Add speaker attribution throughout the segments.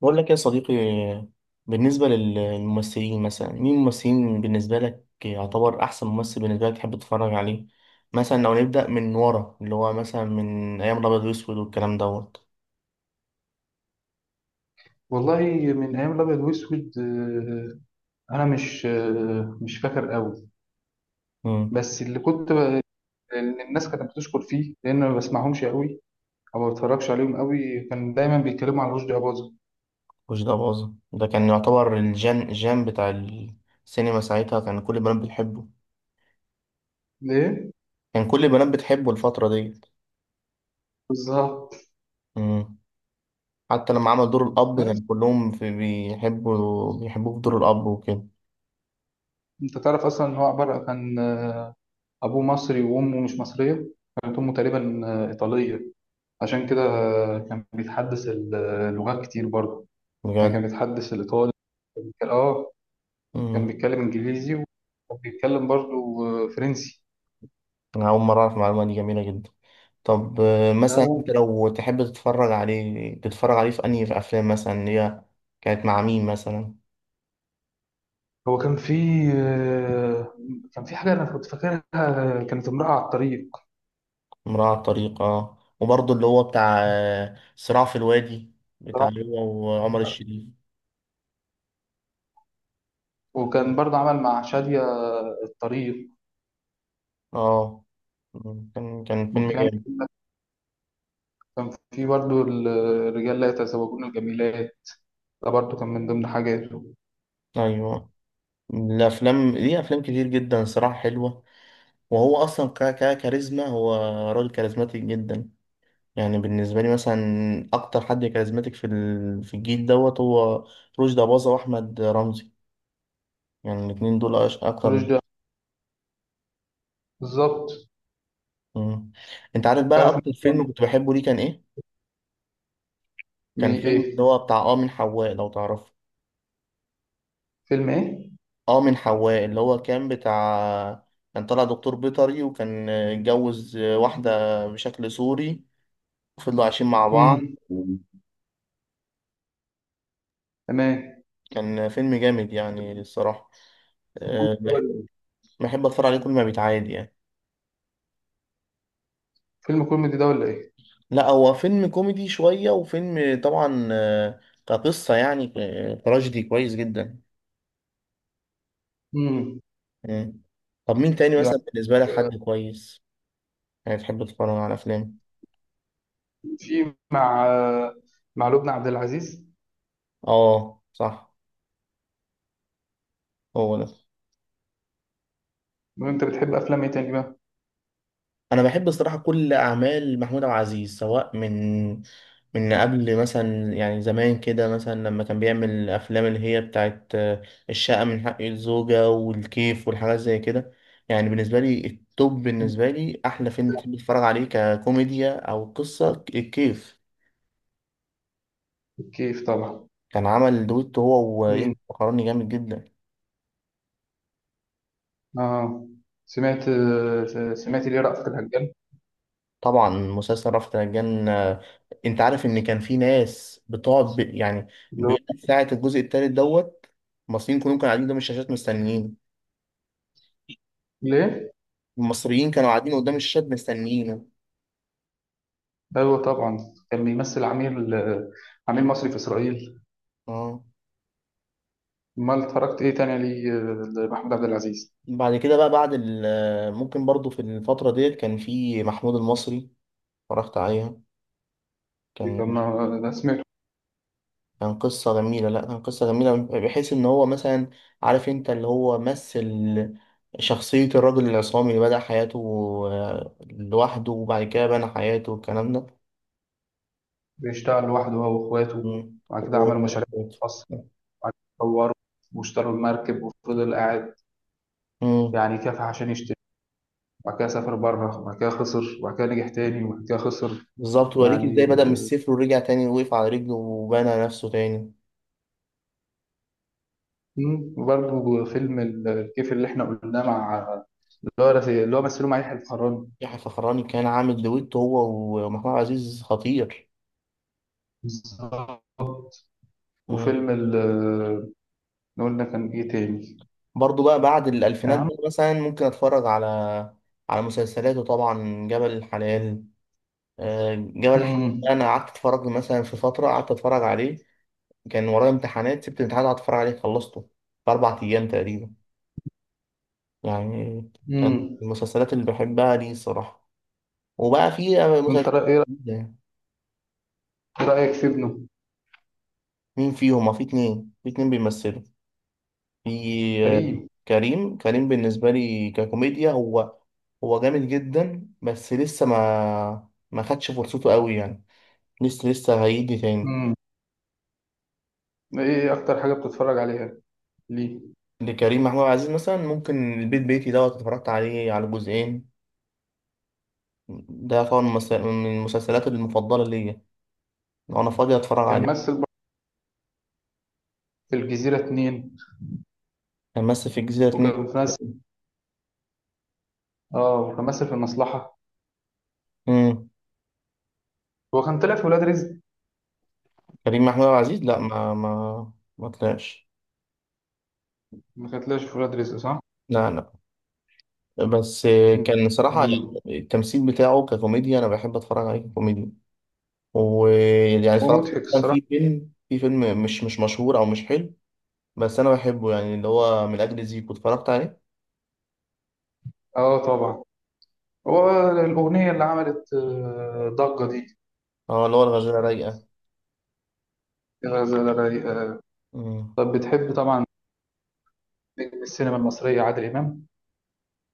Speaker 1: بقول لك يا صديقي، بالنسبة للممثلين، مثلا مين الممثلين بالنسبة لك يعتبر أحسن ممثل بالنسبة لك تحب تتفرج عليه؟ مثلا لو نبدأ من ورا اللي هو مثلا من أيام الأبيض وأسود والكلام دوت.
Speaker 2: والله، من ايام الابيض واسود. انا مش مش فاكر قوي.
Speaker 1: مم.
Speaker 2: بس اللي كنت ب... إن الناس كانت بتشكر فيه لان ما بسمعهمش قوي او ما بتفرجش عليهم قوي، كان دايما بيتكلموا عن رشدي اباظه.
Speaker 1: وش ده باظة ده كان يعتبر الجان بتاع السينما ساعتها. كان كل البنات بتحبه،
Speaker 2: ليه؟
Speaker 1: كان كل البنات بتحبه الفترة ديت.
Speaker 2: بالظبط.
Speaker 1: مم. حتى لما عمل دور الأب
Speaker 2: بس
Speaker 1: كان كلهم في بيحبوه في دور الأب وكده.
Speaker 2: انت تعرف اصلا ان هو عباره، كان ابوه مصري وامه مش مصريه. كانت امه تقريبا ايطاليه. عشان كده كان بيتحدث اللغات كتير برضه. يعني كان
Speaker 1: بجد.
Speaker 2: بيتحدث الايطالي. اه. كان
Speaker 1: مم.
Speaker 2: بيتكلم انجليزي وكان بيتكلم برضو فرنسي.
Speaker 1: انا اول مره اعرف المعلومه دي، جميله جدا. طب، مثلا انت
Speaker 2: آه،
Speaker 1: لو تحب تتفرج عليه، في انهي افلام مثلا اللي هي كانت مع مين مثلا؟
Speaker 2: هو كان في، آه، كان في حاجه انا كنت فاكرها، كانت امراه على الطريق.
Speaker 1: امرأة على الطريق، اه وبرضه اللي هو بتاع صراع في الوادي، بتاع
Speaker 2: صراحة.
Speaker 1: هو وعمر الشريف.
Speaker 2: وكان برضو عمل مع شاديه الطريق.
Speaker 1: اه، كان فيلم
Speaker 2: وكان،
Speaker 1: جامد.
Speaker 2: كان في برضو الرجال لا يتزوجون الجميلات، ده برضو كان من ضمن حاجاته.
Speaker 1: ايوه، الافلام ليه افلام كتير جدا صراحه حلوه. وهو اصلا كاريزما، هو راجل كاريزماتيك جدا. يعني بالنسبة لي مثلا أكتر حد كاريزماتيك في الجيل دوت هو رشدي أباظة وأحمد رمزي. يعني الاتنين دول أكتر ناس.
Speaker 2: رشدي، بالظبط.
Speaker 1: مم. أنت عارف بقى
Speaker 2: تعرف إن-
Speaker 1: أكتر فيلم كنت بحبه ليه كان إيه؟
Speaker 2: مي
Speaker 1: كان فيلم اللي
Speaker 2: ايه؟
Speaker 1: هو بتاع من حواء، لو تعرفه.
Speaker 2: فيلم ايه؟
Speaker 1: من حواء اللي هو كان طالع دكتور بيطري، وكان اتجوز واحدة بشكل سوري، وفضلوا عايشين مع بعض.
Speaker 2: امم، تمام.
Speaker 1: كان فيلم جامد يعني الصراحة. أه، بح- بحب أتفرج عليه كل ما بيتعاد يعني.
Speaker 2: فيلم كوميدي ده ولا ايه؟
Speaker 1: لا، هو فيلم كوميدي شوية، وفيلم طبعا كقصة يعني تراجيدي كويس جدا.
Speaker 2: امم.
Speaker 1: مم. طب مين تاني
Speaker 2: يعني
Speaker 1: مثلا بالنسبة لك حد كويس، يعني تحب تتفرج على أفلام؟
Speaker 2: في مع، مع لبنى عبد العزيز.
Speaker 1: اه، صح. هو ده.
Speaker 2: لو انت بتحب افلام ايه تاني بقى؟
Speaker 1: انا بحب الصراحه كل اعمال محمود عبد العزيز، سواء من قبل مثلا، يعني زمان كده، مثلا لما كان بيعمل الافلام اللي هي بتاعت الشقه من حق الزوجه، والكيف، والحاجات زي كده. يعني بالنسبه لي التوب، بالنسبه لي احلى فيلم بحب اتفرج عليه ككوميديا او قصه، الكيف.
Speaker 2: كيف طبعا.
Speaker 1: كان عمل دويتو هو ويحيى
Speaker 2: امم.
Speaker 1: الفخراني جامد جدا.
Speaker 2: اه، سمعت، سمعت ليه رأفت الهجان.
Speaker 1: طبعا مسلسل رأفت الهجان. انت عارف ان كان في ناس بتقعد يعني
Speaker 2: اللي هو،
Speaker 1: بيقول لك ساعة الجزء التالت دوت. المصريين كلهم كانوا قاعدين قدام الشاشات مستنيين.
Speaker 2: ليه؟
Speaker 1: المصريين كانوا قاعدين قدام الشاشات مستنيينه.
Speaker 2: ايوه طبعا. كان بيمثل عميل، عميل مصري في اسرائيل.
Speaker 1: اه.
Speaker 2: امال اتفرجت ايه تاني ليه لمحمود عبد العزيز؟
Speaker 1: بعد كده بقى ممكن برضو في الفترة ديت كان في محمود المصري، اتفرجت عليها.
Speaker 2: كان،
Speaker 1: كان
Speaker 2: انا سمعته.
Speaker 1: كان قصة جميلة، لا، كان قصة جميلة بحيث ان هو مثلا عارف، انت اللي هو مثل شخصية الرجل العصامي اللي بدأ حياته لوحده، وبعد كده بنى حياته والكلام ده.
Speaker 2: بيشتغل لوحده هو واخواته،
Speaker 1: مم.
Speaker 2: وبعد كده عملوا مشاريع خاصة، وبعد كده طوروا واشتروا المركب وفضل قاعد.
Speaker 1: مم.
Speaker 2: يعني كافح عشان يشتري، وبعد كده سافر بره وبعد كده خسر وبعد كده نجح تاني وبعد كده خسر.
Speaker 1: بالظبط، وريك ازاي
Speaker 2: يعني،
Speaker 1: بدأ من الصفر، ورجع تاني وقف على رجله وبنى نفسه تاني.
Speaker 2: مم. وبرضه فيلم الكيف اللي احنا قلناه مع، اللي هو مثله مع يحيى الفخراني.
Speaker 1: يحيى الفخراني كان عامل دويتو هو ومحمود عبد العزيز خطير.
Speaker 2: بالظبط.
Speaker 1: مم.
Speaker 2: وفيلم اللي قلنا، كان ايه تاني؟
Speaker 1: برضو بقى بعد
Speaker 2: يا
Speaker 1: الألفينات
Speaker 2: عم.
Speaker 1: ده، مثلا ممكن أتفرج على مسلسلاته. طبعا جبل الحلال. جبل الحمد ده
Speaker 2: مم.
Speaker 1: انا قعدت اتفرج له، مثلا في فتره قعدت اتفرج عليه. كان ورايا امتحانات، سبت الامتحان قعدت اتفرج عليه، خلصته في 4 ايام تقريبا يعني. كان من
Speaker 2: مم.
Speaker 1: المسلسلات اللي بحبها دي الصراحه. وبقى في
Speaker 2: انت
Speaker 1: مسلسلات جديده يعني.
Speaker 2: إيه رأيك في ابنه
Speaker 1: مين فيهم؟ في اتنين بيمثلوا. في آه،
Speaker 2: كريم؟
Speaker 1: كريم بالنسبه لي ككوميديا، هو جامد جدا، بس لسه ما خدش فرصته قوي يعني. لسه هيجي تاني.
Speaker 2: مم. ايه اكتر حاجة بتتفرج عليها ليه؟
Speaker 1: لكريم محمود عبد العزيز مثلا ممكن البيت بيتي دوت، اتفرجت عليه على جزئين. ده طبعا من المسلسلات المفضلة ليا لو أنا فاضي أتفرج
Speaker 2: كان
Speaker 1: عليه.
Speaker 2: ممثل برضه في الجزيرة اتنين،
Speaker 1: كان مثل في الجزيرة 2.
Speaker 2: وكان في ممثل، اه وكان ممثل في المصلحة.
Speaker 1: مم.
Speaker 2: هو كان طلع في ولاد رزق.
Speaker 1: كريم محمود عبد العزيز، لا، ما طلعش.
Speaker 2: ما كان طلعش في ولاد رزق، صح.
Speaker 1: لا، لا. بس كان صراحة،
Speaker 2: مم.
Speaker 1: يعني التمثيل بتاعه ككوميديا أنا بحب أتفرج عليه كوميديا. ويعني
Speaker 2: هو
Speaker 1: اتفرجت
Speaker 2: مضحك
Speaker 1: مثلا
Speaker 2: الصراحة.
Speaker 1: في فيلم مش مشهور أو مش حلو. بس أنا بحبه، يعني اللي هو من أجل زيكو اتفرجت عليه.
Speaker 2: اه طبعا. هو الأغنية اللي عملت ضجة دي.
Speaker 1: اه، اللي هو الغزالة رايقة.
Speaker 2: يا غزالة رايقة.
Speaker 1: مم.
Speaker 2: طب بتحب طبعا نجم السينما المصرية عادل إمام.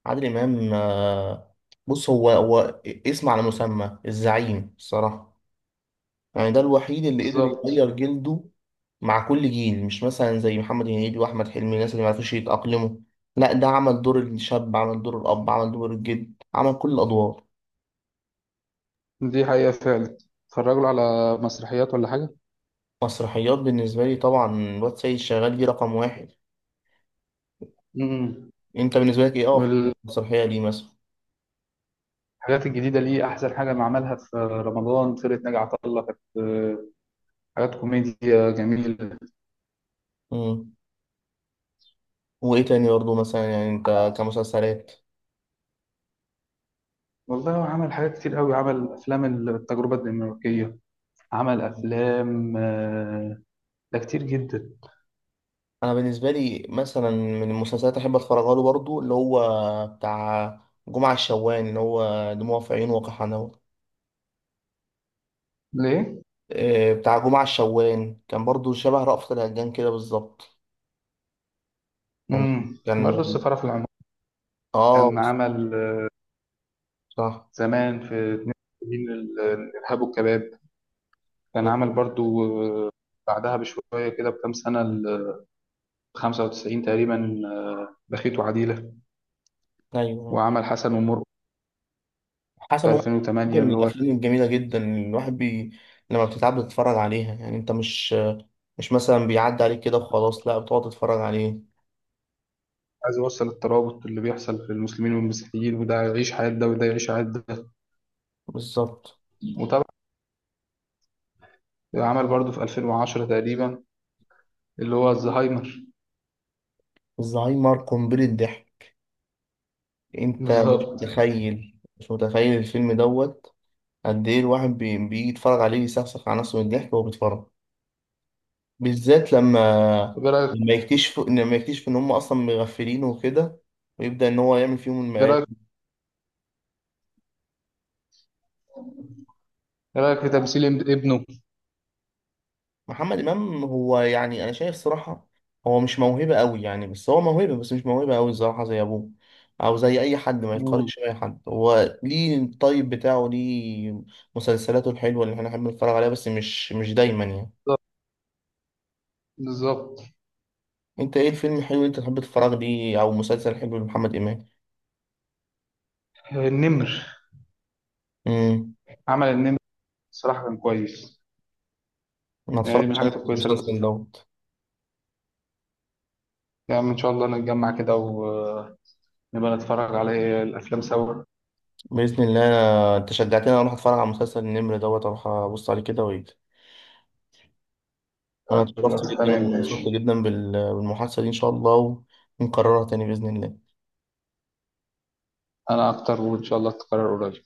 Speaker 1: عادل امام، بص، هو اسم على مسمى، الزعيم الصراحه. يعني ده الوحيد اللي قدر
Speaker 2: بالظبط.
Speaker 1: يغير جلده مع كل جيل، مش مثلا زي محمد هنيدي واحمد حلمي، الناس اللي ما عرفوش يتاقلموا. لا، ده عمل دور الشاب، عمل دور الاب، عمل دور الجد، عمل كل الادوار.
Speaker 2: دي حقيقة فعلا. اتفرجوا له على مسرحيات ولا حاجة؟
Speaker 1: مسرحيات بالنسبه لي طبعا الواد سيد شغال، دي رقم واحد.
Speaker 2: مم.
Speaker 1: انت بالنسبه لك ايه افضل
Speaker 2: والحاجات
Speaker 1: مسرحيه ليه مثلا؟
Speaker 2: الجديدة ليه أحسن حاجة ما عملها في رمضان، فرقة ناجي عطا الله، كانت حاجات كوميديا جميلة.
Speaker 1: مم. وايه تاني برضه مثلا يعني انت كمسلسلات؟
Speaker 2: والله هو عمل حاجات كتير قوي، عمل أفلام التجربة الدنماركية، عمل أفلام ده كتير جدا.
Speaker 1: انا بالنسبه لي مثلا من المسلسلات احب اتفرج له برضو اللي هو بتاع جمعه الشوان، اللي هو دموع في عيون وقحنه.
Speaker 2: ليه؟
Speaker 1: إيه، بتاع جمعه الشوان كان برضو شبه رأفت الهجان كده بالظبط. كان
Speaker 2: مم.
Speaker 1: كان
Speaker 2: برضه السفارة في العمر.
Speaker 1: اه،
Speaker 2: كان عمل
Speaker 1: صح.
Speaker 2: زمان في 72 الإرهاب والكباب. كان عمل برضو آه، بعدها بشوية كده بكام سنة، ال 95 تقريبا، بخيت وعديلة.
Speaker 1: ايوه،
Speaker 2: وعمل حسن ومرقص
Speaker 1: حسن
Speaker 2: في
Speaker 1: ومرقص. دي
Speaker 2: 2008،
Speaker 1: من
Speaker 2: اللي هو
Speaker 1: الافلام الجميله جدا، اللي الواحد لما بتتعب بتتفرج عليها. يعني انت مش مثلا بيعدي عليك كده وخلاص، لا بتقعد تتفرج عليه.
Speaker 2: عايز يوصل الترابط اللي بيحصل في المسلمين والمسيحيين، وده يعيش حياة ده وده يعيش حياة ده.
Speaker 1: بالظبط.
Speaker 2: وطبعا عمل برضو في 2010 تقريبا اللي هو الزهايمر.
Speaker 1: الزهايمر قنبله ضحك. انت مش
Speaker 2: بالظبط.
Speaker 1: متخيل مش متخيل الفيلم دوت. قد ايه الواحد بيجي يتفرج عليه، يسخسخ على نفسه من الضحك وهو بيتفرج. بالذات لما
Speaker 2: طب ايه رأيك؟
Speaker 1: لما يكتشف لما يكتشف ان هم اصلا مغفلين وكده، ويبدأ ان هو يعمل فيهم
Speaker 2: ايه
Speaker 1: المقالب.
Speaker 2: رأيك؟ ايه رأيك في تمثيل ابنه؟
Speaker 1: محمد امام، هو يعني انا شايف صراحة هو مش موهبة قوي يعني، بس هو موهبة، بس مش موهبة قوي الصراحة زي ابوه، او زي اي حد ما
Speaker 2: مم.
Speaker 1: يتقارنش باي حد، هو ليه الطيب بتاعه، ليه مسلسلاته الحلوة اللي احنا بنحب نتفرج عليها، بس مش دايما يعني.
Speaker 2: بالظبط. بالظبط.
Speaker 1: انت ايه الفيلم الحلو اللي انت تحب تتفرج ليه او مسلسل حلو لمحمد امام؟
Speaker 2: النمر.
Speaker 1: امم.
Speaker 2: عمل النمر، الصراحة كان كويس.
Speaker 1: ما
Speaker 2: يعني دي من
Speaker 1: اتفرجتش على
Speaker 2: الحاجات الكويسة اللي كنت
Speaker 1: المسلسل
Speaker 2: بتفرج.
Speaker 1: دوت.
Speaker 2: يعني إن شاء الله نتجمع كده ونبقى نتفرج على الأفلام سوا.
Speaker 1: باذن الله، انت شجعتني اروح اتفرج على مسلسل النمر دوت، اروح ابص عليه كده وايه. انا اتشرفت
Speaker 2: خلاص،
Speaker 1: جدا
Speaker 2: تمام
Speaker 1: وانبسطت
Speaker 2: ماشي.
Speaker 1: جدا بالمحادثه دي، ان شاء الله. ونكررها تاني باذن الله.
Speaker 2: أنا أكتر، وإن شاء الله تتكرر قريب.